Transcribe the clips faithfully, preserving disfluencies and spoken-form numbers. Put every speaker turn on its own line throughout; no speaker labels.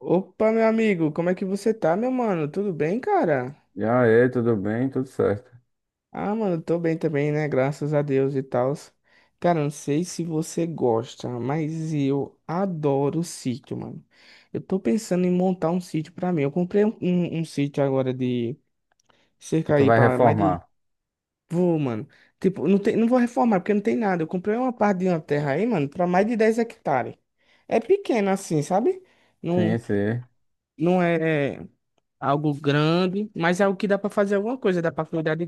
Opa, meu amigo, como é que você tá, meu mano? Tudo bem, cara?
Já é, tudo bem, tudo certo.
Ah, mano, tô bem também, né? Graças a Deus e tal. Cara, não sei se você gosta, mas eu adoro sítio, mano. Eu tô pensando em montar um sítio pra mim. Eu comprei um, um, um sítio agora de
E
cerca
tu
aí
vai
pra mais de.
reformar?
Vou, mano. Tipo, não tem, não vou reformar porque não tem nada. Eu comprei uma parte de uma terra aí, mano, pra mais de dez hectares. É pequeno assim, sabe?
Sim,
Não,
sim.
não é algo grande, mas é algo que dá pra fazer alguma coisa, dá pra cuidar de,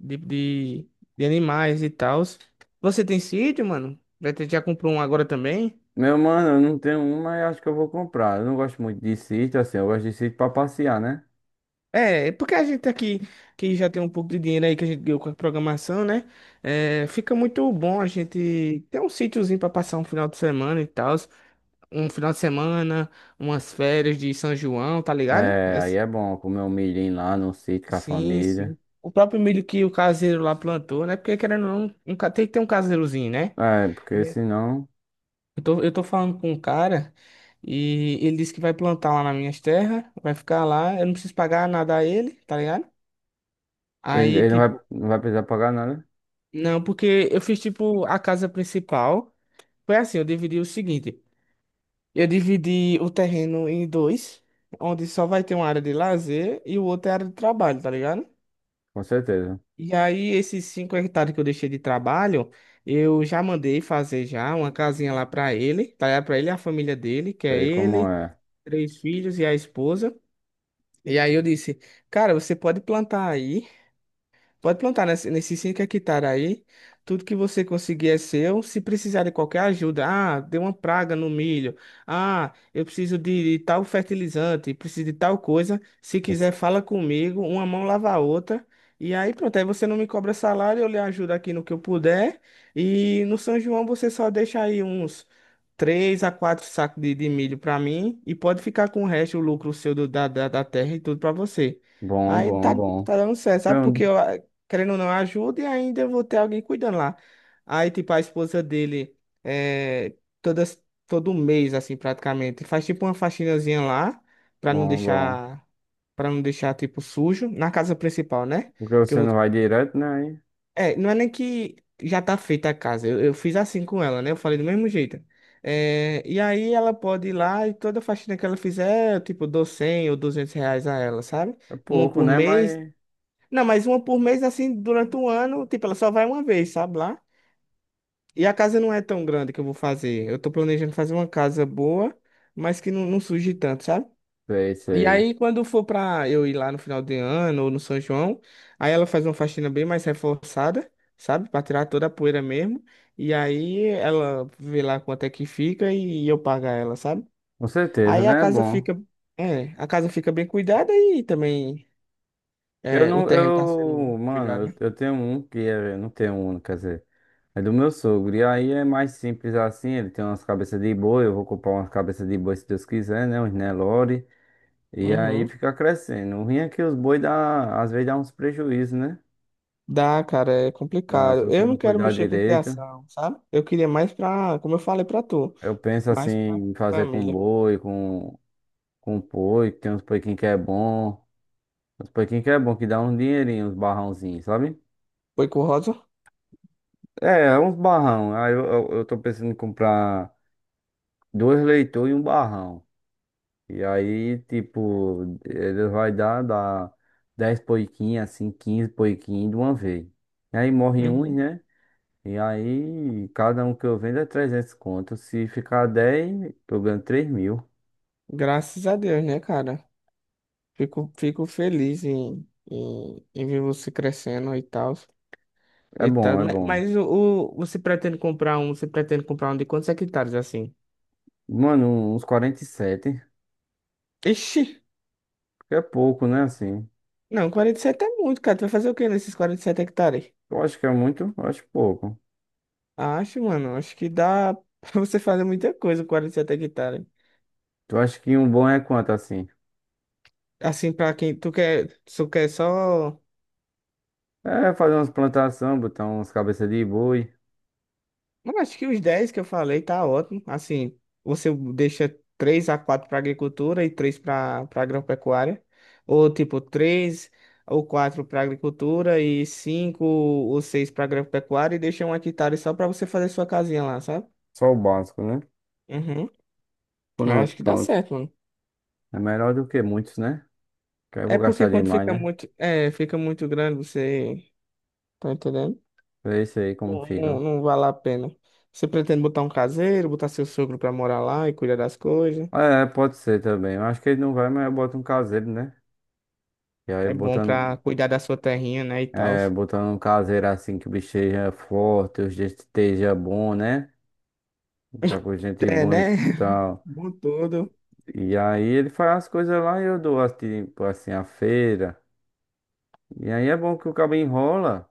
de, de, de animais e tal. Você tem sítio, mano? Vai ter- Já comprou um agora também?
Meu mano, eu não tenho um, mas acho que eu vou comprar. Eu não gosto muito de sítio, assim, eu gosto de sítio pra passear, né?
É, é porque a gente aqui, que já tem um pouco de dinheiro aí que a gente deu com a programação, né? É, fica muito bom a gente ter um sítiozinho pra passar um final de semana e tal. Um final de semana, umas férias de São João, tá ligado?
É,
É,
aí é bom comer um milhinho lá no sítio com a
sim,
família.
sim. O próprio milho que o caseiro lá plantou, né? Porque querendo ou não, um, ca- tem que ter um caseirozinho, né?
É, porque
Eu
senão
tô, eu tô falando com um cara e ele disse que vai plantar lá nas minhas terras, vai ficar lá, eu não preciso pagar nada a ele, tá ligado?
ele,
Aí,
ele não vai,
tipo,
não vai precisar pagar nada,
não, porque eu fiz, tipo, a casa principal. Foi assim, eu dividi o seguinte: eu dividi o terreno em dois, onde só vai ter uma área de lazer e o outro é área de trabalho, tá ligado?
com certeza.
E aí, esses cinco hectares que eu deixei de trabalho, eu já mandei fazer já uma casinha lá pra ele, tá ligado? Pra ele e a família dele, que é
Sei como
ele,
é.
três filhos e a esposa. E aí eu disse, cara, você pode plantar aí. Pode plantar nesse, nesses cinco hectares aí. Tudo que você conseguir é seu. Se precisar de qualquer ajuda, ah, deu uma praga no milho. Ah, eu preciso de tal fertilizante, preciso de tal coisa. Se quiser, fala comigo. Uma mão lava a outra. E aí, pronto. Aí você não me cobra salário, eu lhe ajudo aqui no que eu puder. E no São João você só deixa aí uns três a quatro sacos de, de milho para mim. E pode ficar com o resto, o lucro seu do, da, da, da terra e tudo para você.
Bom,
Aí
bom,
tá,
bom.
tá dando certo, sabe? Porque
Então,
eu, querendo ou não, ajuda e ainda eu vou ter alguém cuidando lá. Aí, tipo, a esposa dele, é, todas, todo mês, assim, praticamente, faz tipo uma faxinazinha lá, pra não
bom, bom.
deixar, pra não deixar, tipo, sujo, na casa principal, né?
Porque
Que
você
eu,
não vai direto, né? Aí
é, não é nem que já tá feita a casa, eu, eu fiz assim com ela, né? Eu falei do mesmo jeito. É, e aí ela pode ir lá e toda faxina que ela fizer, eu, tipo, dou cem ou duzentos reais a ela, sabe?
é
Uma
pouco,
por
né?
mês
Mas
não, mas uma por mês, assim, durante um ano, tipo, ela só vai uma vez, sabe lá? E a casa não é tão grande que eu vou fazer. Eu tô planejando fazer uma casa boa, mas que não, não suje tanto, sabe?
sei,
E
sei.
aí, quando for pra eu ir lá no final de ano ou no São João, aí ela faz uma faxina bem mais reforçada, sabe? Pra tirar toda a poeira mesmo. E aí ela vê lá quanto é que fica e eu pago a ela, sabe?
Com certeza,
Aí a
né? É
casa
bom.
fica, é, a casa fica bem cuidada e também
Eu
é, o
não,
terreno tá sendo
eu, mano,
cuidado, né?
eu, eu tenho um que é, eu não tenho um, quer dizer, é do meu sogro. E aí é mais simples assim, ele tem umas cabeças de boi, eu vou comprar umas cabeças de boi se Deus quiser, né, uns Nelore. E aí
Uhum.
fica crescendo. O ruim é que os boi dá, às vezes dá uns prejuízos, né?
Dá, cara, é
Dá, se
complicado.
você
Eu
não
não quero
cuidar
mexer com
direito.
criação, sabe? Eu queria mais pra, como eu falei pra tu,
Eu penso assim,
mais pra
em fazer com
família.
boi, com, com boi, que tem uns poiquinhos que é bom. Uns poiquinhos que é bom, que dá um dinheirinho, uns barrãozinhos, sabe?
Foi com Rosa?
É, uns barrão. Aí eu, eu, eu tô pensando em comprar dois leitores e um barrão. E aí, tipo, ele vai dar, dar dez poiquinhas, assim, quinze poiquinhos de uma vez. E aí morre uns,
Uhum.
né? E aí, cada um que eu vendo é trezentos conto. Se ficar dez eu ganho três mil.
Graças a Deus, né, cara? Fico, fico feliz em, em, em ver você crescendo e tal.
É
E tal.
bom, é
Ma-
bom.
Mas, o, o- você pretende comprar um, você pretende comprar um de quantos hectares assim?
Mano, uns quarenta e sete,
Ixi,
que é pouco, né, assim.
não, quarenta e sete é muito, cara. Tu vai fazer o quê nesses quarenta e sete hectares?
Eu acho que é muito, eu acho pouco.
Acho, mano, acho que dá pra você fazer muita coisa com quarenta e sete hectares.
Tu acha que um bom é quanto, assim?
Assim, pra quem tu quer, tu quer só.
É fazer umas plantações, botar umas cabeças de boi.
Eu acho que os dez que eu falei tá ótimo. Assim, você deixa três a quatro para agricultura e três para para agropecuária. Ou tipo, três ou quatro para agricultura e cinco ou seis para agropecuária e deixa um hectare só para você fazer sua casinha lá, sabe?
Só o básico, né?
Uhum. Eu acho
Pronto,
que dá
pronto.
certo, mano.
É melhor do que muitos, né? Que aí eu
É
vou
porque
gastar
quando
demais,
fica
né?
muito, é, fica muito grande, você tá entendendo?
Pra isso aí como
Não, não
fica.
não vale a pena. Você pretende botar um caseiro, botar seu sogro pra morar lá e cuidar das coisas.
É, pode ser também. Eu acho que ele não vai, mas eu boto um caseiro, né? E aí
É bom pra
botando,
cuidar da sua terrinha, né, e tal.
é, botando um caseiro assim que o bicho seja forte, o gente esteja bom, né? Tá com gente
É,
boa e
né?
tal.
Bom tudo.
E aí ele faz as coisas lá e eu dou assim, tipo assim, a feira. E aí é bom que o cabo enrola,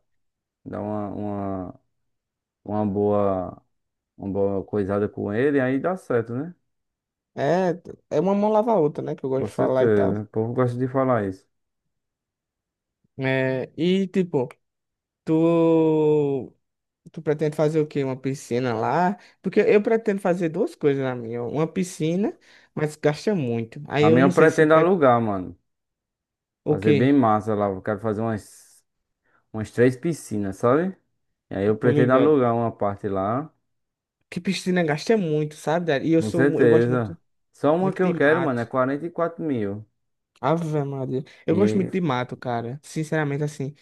dá uma, uma, uma boa, uma boa coisada com ele, aí dá certo, né?
É, é uma mão lava a outra, né, que eu gosto
Com
de falar e tal.
certeza. O povo gosta de falar isso.
É, e tipo, tu tu pretende fazer o quê? Uma piscina lá? Porque eu pretendo fazer duas coisas na minha. Uma piscina, mas gasta muito. Aí
A
eu
minha
não
eu
sei se eu
pretendo
pego
alugar, mano.
o
Fazer bem
quê?
massa lá. Eu quero fazer umas, umas três piscinas, sabe? E aí eu
Tô
pretendo
ligado.
alugar uma parte lá.
Que piscina gasta muito, sabe? Dad? E eu
Com
sou, mu- eu gosto
certeza.
muito.
Só uma
Muito
que eu
de
quero, mano, é
mato.
quarenta e quatro mil.
Ave Maria. Eu gosto muito
E
de mato, cara. Sinceramente, assim,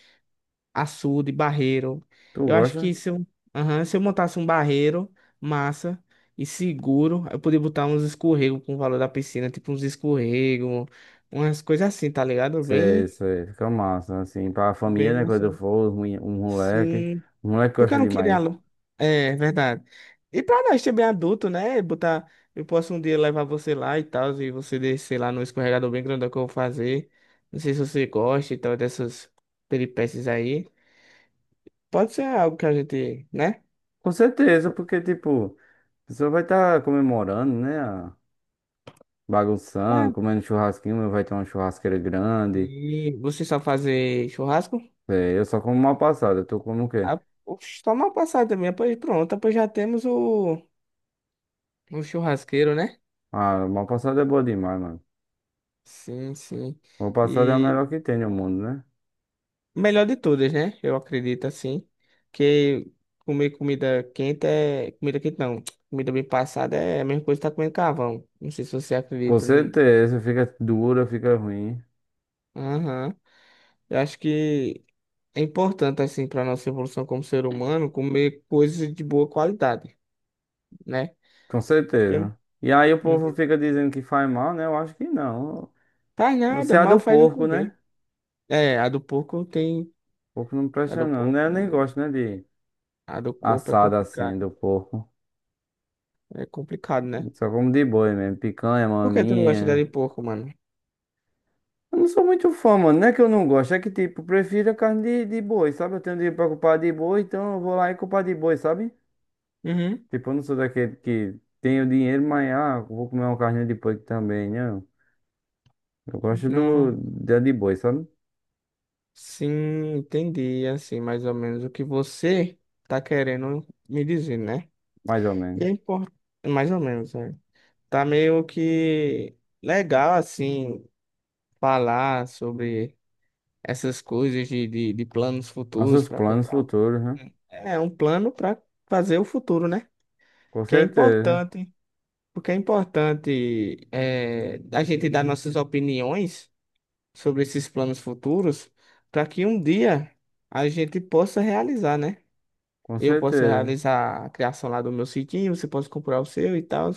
açude, barreiro.
tu
Eu acho
gosta?
que se eu, aham, se eu montasse um barreiro, massa e seguro, eu poderia botar uns escorregos com o valor da piscina, tipo uns escorregos, umas coisas assim, tá ligado?
Sei,
Bem,
sei. Fica massa, assim. Pra família,
bem
né? Quando
massa.
eu for, os mole- um moleque.
Sim,
O moleque
porque eu
gosta
não queria
demais.
aluno. É verdade. E pra nós ser bem adulto, né? Botar. Eu posso um dia levar você lá e tal, e você descer lá no escorregador bem grandão que eu vou fazer. Não sei se você gosta e tal, dessas peripécias aí. Pode ser algo que a gente, né?
Com certeza, porque, tipo, a pessoa vai estar comemorando, né? a- Bagunçando,
É.
comendo churrasquinho. Vai ter uma churrasqueira grande.
E você só fazer churrasco?
É, eu só como mal passada. Tu como o quê?
Ah, oxe, só uma passada também, pois pronto, pois já temos o, o, churrasqueiro, né?
Ah, mal passada é boa demais, mano.
Sim, sim.
Mal passada é a
E.
melhor que tem no mundo, né?
Melhor de todas, né? Eu acredito assim. Que comer comida quente é. Comida quente não. Comida bem passada é a mesma coisa que tá comendo carvão. Não sei se você
Com
acredita. não-
certeza, fica dura, fica ruim.
Aham. Eu acho que é importante, assim, para nossa evolução como ser humano, comer coisas de boa qualidade, né?
Com
Que eu
certeza. E aí o
não não
povo fica dizendo que faz mal, né? Eu acho que não.
faz
Não sei
nada,
a
mal
do
faz não
porco, né?
comer. É, a do porco tem.
Porco não
A
presta
do
não,
porco.
né? Eu nem gosto, né, de
A do corpo é
assada assim
complicado.
do porco.
É complicado, né?
Só como de boi mesmo, picanha,
Por que tu não gosta da
maminha.
de porco, mano?
Eu não sou muito fã, mano. Não é que eu não gosto, é que tipo, prefiro a carne de, de boi, sabe? Eu tenho dinheiro pra culpar de boi, então eu vou lá e culpar de boi, sabe?
Uhum.
Tipo, eu não sou daquele que tem o dinheiro, mas ah, vou comer uma carne de porco também, não. Eu gosto
Não.
do dia de boi, sabe?
Sim, entendi, assim, mais ou menos o que você tá querendo me dizer, né?
Mais ou menos.
E é importante, mais ou menos, né? Tá meio que legal, assim, falar sobre essas coisas de, de, de planos futuros
Nossos
para
planos
comprar. um-
futuros, né?
É um plano para fazer o futuro, né?
Com
Que é
certeza,
importante, porque é importante é, a gente dar nossas opiniões sobre esses planos futuros para que um dia a gente possa realizar, né?
com
Eu posso
certeza.
realizar a criação lá do meu sitinho, você pode comprar o seu e tal.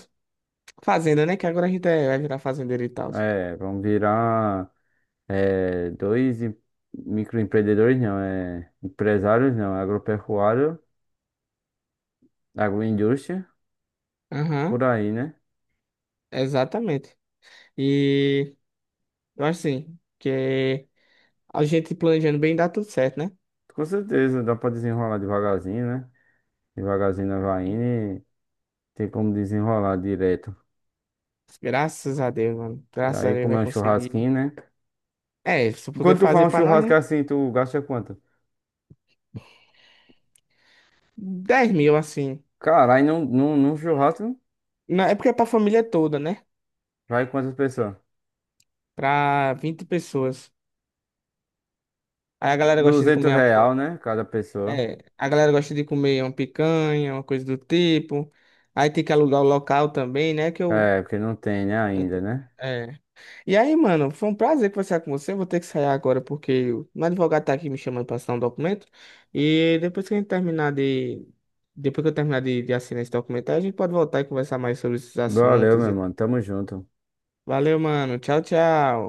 Fazenda, né? Que agora a gente é- vai virar fazendeiro e tal.
É, vamos virar é, dois em- microempreendedores, não, é empresários, não, agropecuário, agroindústria,
Aham,
por aí, né?
exatamente. E eu acho assim, que a gente planejando bem dá tudo certo, né?
Com certeza, dá pra desenrolar devagarzinho, né? Devagarzinho na vai indo e tem como desenrolar direto.
Graças a Deus, mano.
E
Graças a
aí,
Deus
como
vai
é um
conseguir.
churrasquinho, né?
É, se eu puder
Quando tu
fazer
faz um
pra nós,
churrasco
né?
assim, tu gasta quanto?
Dez mil, assim.
Caralho, num, num, num churrasco
Não, é porque é pra família toda, né?
vai quantas pessoas?
Pra vinte pessoas. Aí a galera gosta de
Duzentos
comer a
real, né? Cada pessoa.
É, a galera gosta de comer uma picanha, uma coisa do tipo. Aí tem que alugar o local também, né? Que eu.
É, porque não tem, né, ainda, né?
É. E aí, mano, foi um prazer conversar com você. Eu vou ter que sair agora porque o meu advogado tá aqui me chamando pra assinar um documento. E depois que a gente terminar de. Depois que eu terminar de, de assinar esse documento, aí a gente pode voltar e conversar mais sobre esses
Valeu,
assuntos.
meu
e-
mano. Tamo junto.
Valeu, mano. Tchau, tchau.